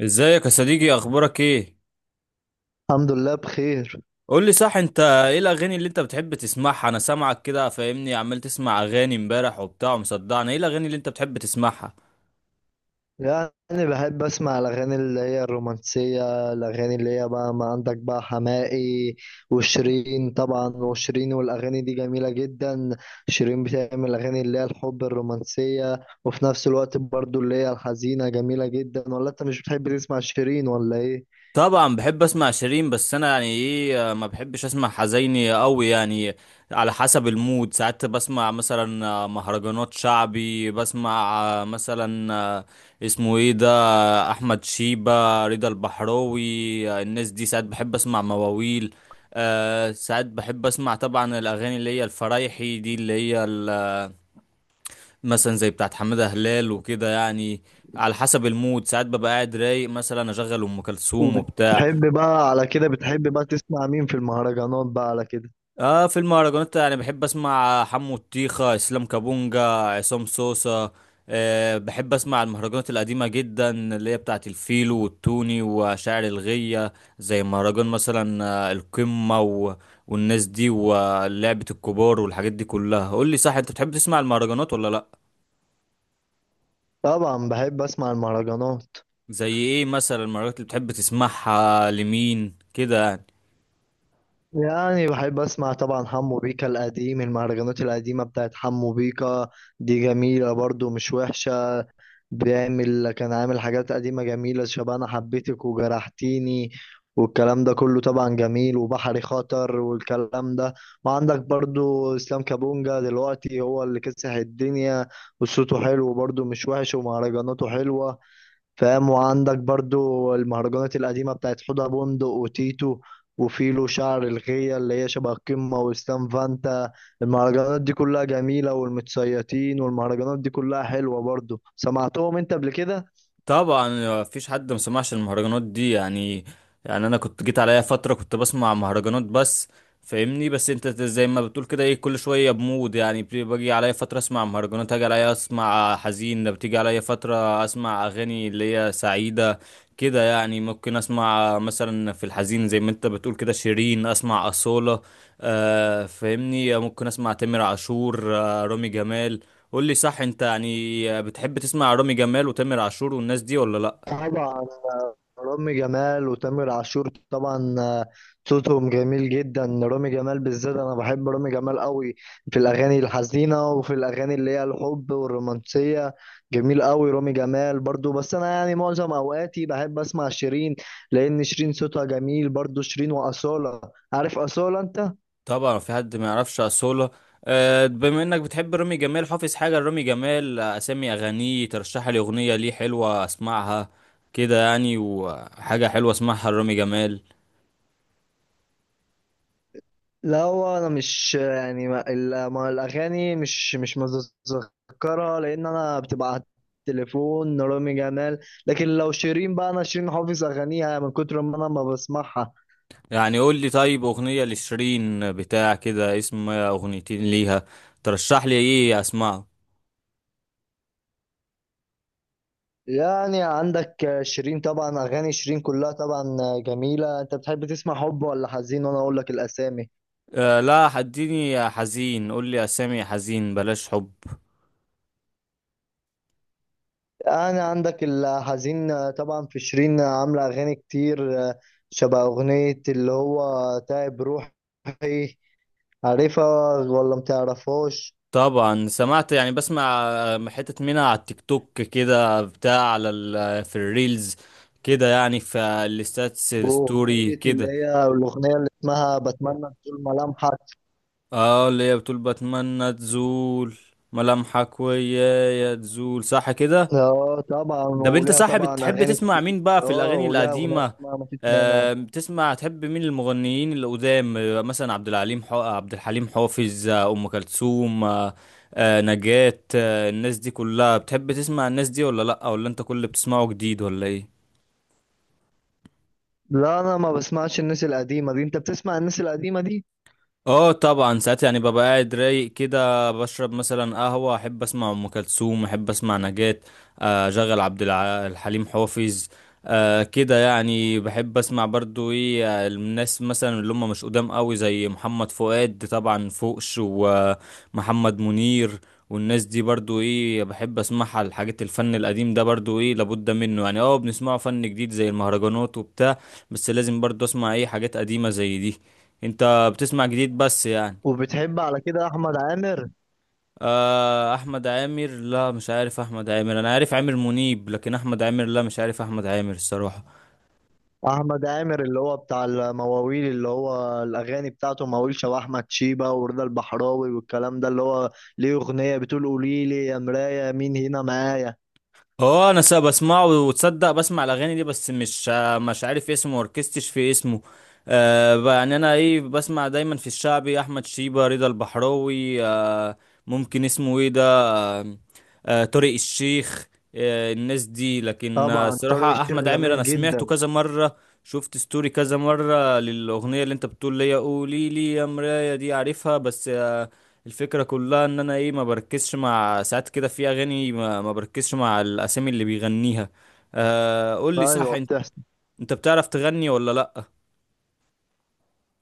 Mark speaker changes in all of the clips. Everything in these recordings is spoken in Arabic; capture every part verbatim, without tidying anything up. Speaker 1: ازيك يا صديقي، اخبارك ايه؟
Speaker 2: الحمد لله بخير.
Speaker 1: قول لي صح، انت ايه الاغاني اللي انت بتحب تسمعها؟ انا سامعك كده فاهمني، عمال تسمع اغاني امبارح وبتاع ومصدعني. ايه الاغاني اللي انت بتحب تسمعها؟
Speaker 2: يعني بحب اسمع الاغاني اللي هي الرومانسيه، الاغاني اللي هي بقى ما عندك بقى حماقي وشيرين طبعا، وشيرين والاغاني دي جميله جدا. شيرين بتعمل اغاني اللي هي الحب الرومانسيه، وفي نفس الوقت برضو اللي هي الحزينه جميله جدا. ولا انت مش بتحب تسمع شيرين ولا ايه؟
Speaker 1: طبعا بحب اسمع شيرين، بس انا يعني ايه، ما بحبش اسمع حزيني قوي يعني. على حسب المود، ساعات بسمع مثلا مهرجانات شعبي، بسمع مثلا، اسمه ايه ده، احمد شيبة، رضا البحراوي. الناس دي ساعات بحب اسمع مواويل. أه ساعات بحب اسمع طبعا الاغاني اللي هي الفرايحي دي، اللي هي ال- مثلا زي بتاعت حمادة هلال وكده يعني. على حسب المود ساعات ببقى قاعد رايق، مثلا اشغل ام كلثوم وبتاع.
Speaker 2: وبتحب بقى على كده بتحب بقى تسمع مين في المهرجانات بقى على كده؟
Speaker 1: اه، في المهرجانات يعني بحب اسمع حمو الطيخة، اسلام كابونجا، عصام صوصة. أه بحب اسمع المهرجانات القديمة جدا، اللي هي بتاعت الفيلو والتوني وشاعر الغية، زي مهرجان مثلا، آه، القمة، و... والناس دي، ولعبة الكبار، والحاجات دي كلها. قول لي صح، انت بتحب تسمع المهرجانات ولا لا؟
Speaker 2: طبعا بحب اسمع المهرجانات.
Speaker 1: زي ايه مثلا المهرجانات اللي بتحب تسمعها، لمين كده يعني؟
Speaker 2: يعني بحب اسمع طبعا حمو بيكا القديم، المهرجانات القديمة بتاعت حمو بيكا دي جميلة برضو مش وحشة. بيعمل كان عامل حاجات قديمة جميلة شبه انا حبيتك وجرحتيني والكلام ده كله طبعا جميل، وبحري خطر والكلام ده. وعندك برضو اسلام كابونجا دلوقتي هو اللي كسح الدنيا، وصوته حلو برضو مش وحش ومهرجاناته حلوة، فاهم؟ وعندك برضو المهرجانات القديمة بتاعت حوضة بندق وتيتو وفيلو شعر الغية اللي هي شبه القمة وستان فانتا. المهرجانات دي كلها جميلة، والمتسيطين والمهرجانات دي كلها حلوة برضو. سمعتهم انت قبل كده؟
Speaker 1: طبعا مفيش حد ما سمعش المهرجانات دي يعني. يعني انا كنت جيت عليا فتره كنت بسمع مهرجانات بس، فاهمني. بس انت زي ما بتقول كده ايه، كل شويه بمود يعني، بي- باجي عليا فتره اسمع مهرجانات، اجي عليا اسمع حزين ده، بتيجي عليا فتره اسمع اغاني اللي هي سعيده كده يعني. ممكن اسمع مثلا في الحزين زي ما انت بتقول كده شيرين، اسمع اصاله، آه فاهمني، ممكن اسمع تامر عاشور، آه رامي جمال. قول لي صح، انت يعني بتحب تسمع رامي جمال وتامر عاشور والناس دي ولا لا؟
Speaker 2: طبعا. آه، رامي جمال وتامر عاشور طبعا. آه، صوتهم جميل جدا. رامي جمال بالذات انا بحب رامي جمال قوي في الاغاني الحزينه وفي الاغاني اللي هي الحب والرومانسيه. جميل قوي رامي جمال برضو، بس انا يعني معظم اوقاتي بحب اسمع شيرين، لان شيرين صوتها جميل برضو، شيرين واصاله. عارف اصاله انت؟
Speaker 1: طبعا في حد ما يعرفش اصولا. آه، بما انك بتحب رامي جمال، حافظ حاجه لرامي جمال، آه، اسامي اغانيه، ترشح لي اغنيه ليه حلوه اسمعها كده يعني، وحاجه حلوه اسمعها لرامي جمال.
Speaker 2: لا هو انا مش يعني ما, ال- ما الاغاني مش مش متذكرها، لان انا بتبقى على التليفون. رامي جمال لكن لو شيرين بقى، انا شيرين حافظ اغانيها من كتر ما انا ما بسمعها.
Speaker 1: يعني قول لي، طيب اغنيه لشيرين بتاع كده، اسم اغنيتين ليها، ترشح لي ايه اسمعه.
Speaker 2: يعني عندك شيرين طبعا، اغاني شيرين كلها طبعا جميله. انت بتحب تسمع حب ولا حزين وانا اقول لك الاسامي؟
Speaker 1: أه لا، هديني حزين، قول لي اسامي حزين، بلاش حب.
Speaker 2: يعني عندك الحزين طبعا، في شيرين عامله اغاني كتير شبه اغنيه اللي هو تعب روحي. عارفها ولا متعرفهاش؟
Speaker 1: طبعا سمعت، يعني بسمع آه، حتة منها على التيك توك كده بتاع، على ال آه، في الريلز كده يعني، في الستاتس
Speaker 2: اوه،
Speaker 1: الستوري
Speaker 2: أغنية اللي
Speaker 1: كده.
Speaker 2: هي الأغنية اللي اسمها بتمنى تزول ملامحك.
Speaker 1: اه، اللي هي بتقول بتمنى تزول ملامحك، ويايا تزول، صح كده؟
Speaker 2: اه طبعا،
Speaker 1: ده انت
Speaker 2: وليها
Speaker 1: صاحب،
Speaker 2: طبعا
Speaker 1: بتحب
Speaker 2: أغاني
Speaker 1: تسمع
Speaker 2: كتير.
Speaker 1: مين بقى في
Speaker 2: اه
Speaker 1: الاغاني
Speaker 2: وليها أغنية
Speaker 1: القديمه؟
Speaker 2: اسمها مفيش مانع.
Speaker 1: آه، بتسمع تحب مين المغنيين القدام، آه، مثلا عبد الحليم حو... عبد الحليم حافظ، آه، ام كلثوم، آه آه، نجاة، آه الناس دي كلها بتحب تسمع الناس دي ولا لا؟ ولا انت كل اللي بتسمعه جديد ولا ايه؟
Speaker 2: لا أنا ما بسمعش الناس القديمة دي. أنت بتسمع الناس القديمة دي؟
Speaker 1: اه طبعا، ساعات يعني ببقى قاعد رايق كده، بشرب مثلا قهوة، احب اسمع ام كلثوم، احب اسمع نجاة، آه، اشغل عبد الع- الحليم حافظ، آه، كده يعني بحب اسمع برضو ايه، آه، الناس مثلا اللي هم مش قدام قوي زي محمد فؤاد طبعا فوقش، ومحمد منير، والناس دي برضو ايه، بحب اسمعها الحاجات، الفن القديم ده برضو ايه، لابد منه يعني. اه بنسمعه فن جديد زي المهرجانات وبتاع، بس لازم برضو اسمع ايه حاجات قديمة زي دي. انت بتسمع جديد بس يعني؟
Speaker 2: وبتحب على كده أحمد عامر؟
Speaker 1: آه احمد عامر، لا مش عارف احمد عامر، انا عارف عامر منيب، لكن احمد عامر لا مش عارف احمد عامر الصراحة.
Speaker 2: أحمد عامر اللي هو بتاع المواويل، اللي هو الأغاني بتاعته مواويل شبه أحمد شيبة ورضا البحراوي والكلام ده. اللي هو ليه أغنية بتقول قولي لي يا مراية مين هنا معايا.
Speaker 1: اه انا سا بسمعه، وتصدق بسمع الاغاني دي، بس مش مش عارف اسمه وركزتش في اسمه. آه ب- يعني انا ايه، بسمع دايما في الشعبي احمد شيبة، رضا البحراوي، آه ممكن اسمه ايه ده، آه آه طارق الشيخ، آه الناس دي، لكن آه،
Speaker 2: طبعا طارق
Speaker 1: الصراحة
Speaker 2: الشيخ
Speaker 1: احمد عامر انا
Speaker 2: جميل
Speaker 1: سمعته
Speaker 2: جدا.
Speaker 1: كذا مرة، شفت ستوري كذا مرة للاغنية اللي انت بتقول لي قولي لي يا مراية دي، عارفها، بس آه، الفكرة كلها ان انا ايه ما بركزش مع ساعات كده في اغاني، ما, ما بركزش مع الاسامي اللي بيغنيها. آه قول لي صح
Speaker 2: ايوه،
Speaker 1: انت,
Speaker 2: بتحصل.
Speaker 1: انت بتعرف تغني ولا لا؟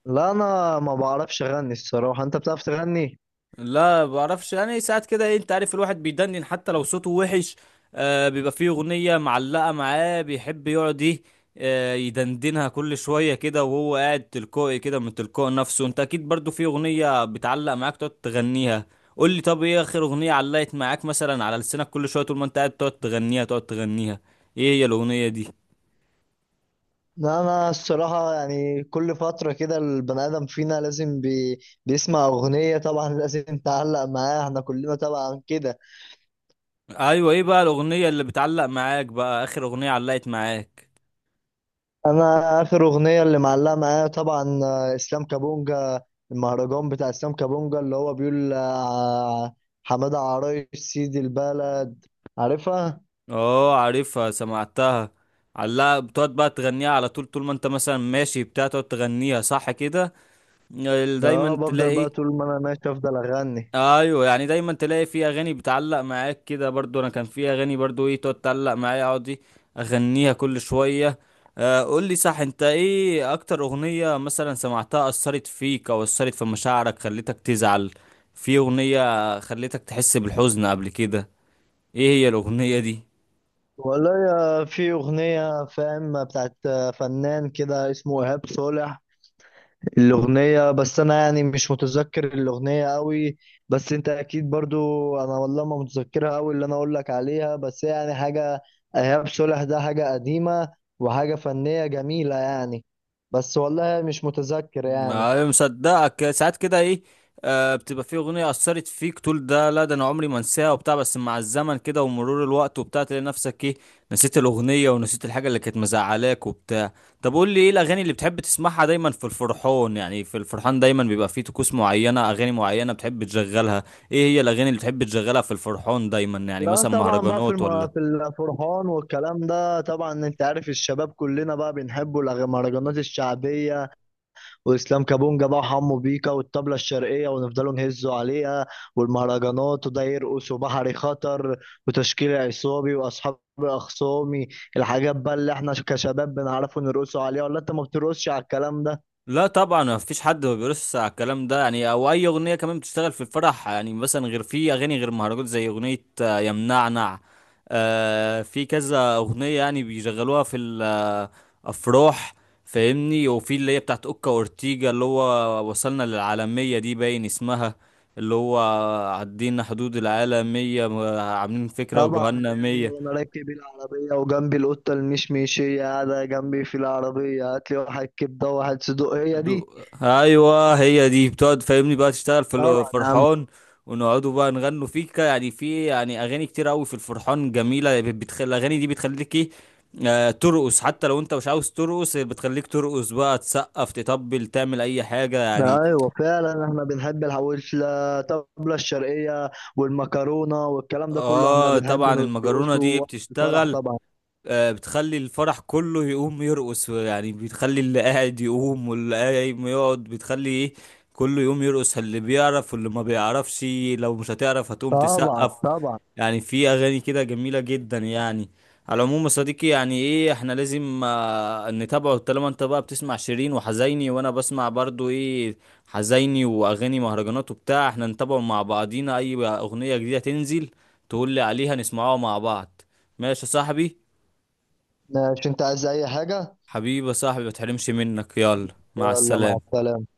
Speaker 2: لا انا ما بعرفش اغني الصراحه. انت بتعرف تغني؟
Speaker 1: لا بعرفش يعني، ساعات كده ايه انت عارف، الواحد بيدندن حتى لو صوته وحش، آه بيبقى فيه اغنية معلقة معاه، بيحب يقعد ايه، آه يدندنها كل شوية كده وهو قاعد تلقائي كده من تلقاء نفسه. انت اكيد برضو في اغنية بتعلق معاك تقعد تغنيها. قول لي طب ايه اخر اغنية علقت معاك، مثلا على لسانك كل شوية طول ما انت قاعد تقعد تغنيها تقعد تغنيها؟ ايه هي الاغنية دي؟
Speaker 2: لا انا الصراحه يعني كل فتره كده البني ادم فينا لازم بي... بيسمع اغنيه، طبعا لازم تعلق معاها، احنا كلنا طبعا كده.
Speaker 1: ايوه، ايه بقى الاغنية اللي بتعلق معاك بقى، اخر اغنية علقت معاك؟
Speaker 2: انا اخر اغنيه اللي معلقه معايا طبعا آه، اسلام كابونجا. المهرجان بتاع اسلام كابونجا اللي هو بيقول آه، حماده عرايش سيد البلد. عارفها؟
Speaker 1: اه عارفها، سمعتها. علقها، بتقعد بقى تغنيها على طول، طول ما انت مثلا ماشي بتاع تقعد تغنيها، صح كده؟ ال-
Speaker 2: اه،
Speaker 1: دايما
Speaker 2: بفضل
Speaker 1: تلاقي.
Speaker 2: بقى طول ما انا ماشي افضل اغني.
Speaker 1: ايوه يعني دايما تلاقي في اغاني بتعلق معاك كده، برضو انا كان في اغاني برضو ايه تقعد تعلق معايا، اقعد ايه اغنيها كل شويه. آه قول لي صح، انت ايه اكتر اغنيه مثلا سمعتها اثرت فيك او اثرت في مشاعرك، خلتك تزعل، في اغنيه خلتك تحس بالحزن قبل كده؟ ايه هي الاغنيه دي؟
Speaker 2: والله يا- في أغنية، فاهم، بتاعت فنان كده اسمه إيهاب صالح. الأغنية بس أنا يعني مش متذكر الأغنية قوي، بس أنت أكيد برضو. أنا والله ما متذكرها قوي اللي أنا أقول لك عليها، بس يعني حاجة. إيهاب صالح ده حاجة قديمة وحاجة فنية جميلة يعني بس والله مش متذكر يعني
Speaker 1: ما مصدقك، ساعات كده ايه، آه بتبقى في اغنيه اثرت فيك تقول ده لا، ده انا عمري ما انساها وبتاع، بس مع الزمن كده ومرور الوقت وبتاع تلاقي نفسك ايه، نسيت الاغنيه ونسيت الحاجه اللي كانت مزعلاك وبتاع. طب قول لي، ايه الاغاني اللي بتحب تسمعها دايما في الفرحان؟ يعني في الفرحان دايما بيبقى فيه طقوس معينه، اغاني معينه بتحب تشغلها. ايه هي الاغاني اللي بتحب تشغلها في الفرحان دايما يعني،
Speaker 2: لا
Speaker 1: مثلا
Speaker 2: طبعا بقى في
Speaker 1: مهرجانات
Speaker 2: الم... في
Speaker 1: ولا؟
Speaker 2: الفرحان والكلام ده طبعا، انت عارف الشباب كلنا بقى بنحبوا المهرجانات الشعبية، واسلام كابونجا بقى وحمو بيكا والطبله الشرقيه، ونفضلوا نهزوا عليها. والمهرجانات وده يرقص، وبحري خطر وتشكيل عصابي واصحاب اخصامي، الحاجات بقى اللي احنا كشباب بنعرفوا نرقصوا عليها. ولا انت ما بترقصش على الكلام ده؟
Speaker 1: لا طبعا، ما فيش حد ما بيرقص على الكلام ده يعني، او اي اغنيه كمان بتشتغل في الفرح يعني، مثلا غير في اغاني، غير مهرجان زي اغنيه آه، يا منعنع، آه، في كذا اغنيه يعني بيشغلوها في الافراح فاهمني، وفي اللي هي بتاعت اوكا اورتيجا، اللي هو وصلنا للعالميه دي، باين اسمها، اللي هو عدينا حدود العالميه، آه، عاملين فكره
Speaker 2: طبعا
Speaker 1: وجوهنا
Speaker 2: القهوة
Speaker 1: مية.
Speaker 2: وانا راكب العربيه وجنبي القطه المشمشيه قاعده جنبي في العربيه هات لي واحد كبده وواحد صدوق، هي
Speaker 1: دو...
Speaker 2: دي.
Speaker 1: ايوه هي دي، بتقعد فاهمني بقى تشتغل في
Speaker 2: طبعا يا عم.
Speaker 1: الفرحان. ونقعدوا بقى نغنوا في ك- يعني في يعني اغاني كتير قوي في الفرحان جميله، بتخلي الاغاني دي بتخليك ايه، آه ترقص، حتى لو انت مش عاوز ترقص بتخليك ترقص، بقى تسقف تطبل تعمل اي حاجه
Speaker 2: ده
Speaker 1: يعني.
Speaker 2: ايوه فعلا، احنا بنحب الحواوشي الطبله الشرقيه والمكرونه والكلام ده كله، احنا
Speaker 1: اه
Speaker 2: بنحب
Speaker 1: طبعا، المجرونه
Speaker 2: نرقصه
Speaker 1: دي
Speaker 2: وقت الفرح
Speaker 1: بتشتغل،
Speaker 2: طبعا.
Speaker 1: آه، بتخلي الفرح كله يقوم يرقص، يعني بتخلي اللي قاعد يقوم، واللي قايم يقعد، بتخلي ايه كله يقوم يرقص، اللي بيعرف واللي ما بيعرفش، لو مش هتعرف هتقوم
Speaker 2: طبعا.
Speaker 1: تسقف.
Speaker 2: طبعا
Speaker 1: يعني في اغاني كده جميلة جدا يعني. على العموم يا صديقي، يعني ايه احنا لازم آه، نتابعه، طالما انت بقى بتسمع شيرين وحزيني، وانا بسمع برضو ايه حزيني واغاني مهرجانات وبتاع، احنا نتابعه مع بعضينا. اي اغنية جديدة تنزل تقول لي عليها نسمعها مع بعض. ماشي يا صاحبي.
Speaker 2: ماشي. انت عايز اي حاجه؟
Speaker 1: حبيبي يا صاحبي، ما تحرمش منك، يلا مع
Speaker 2: يلا مع
Speaker 1: السلامة.
Speaker 2: السلامه.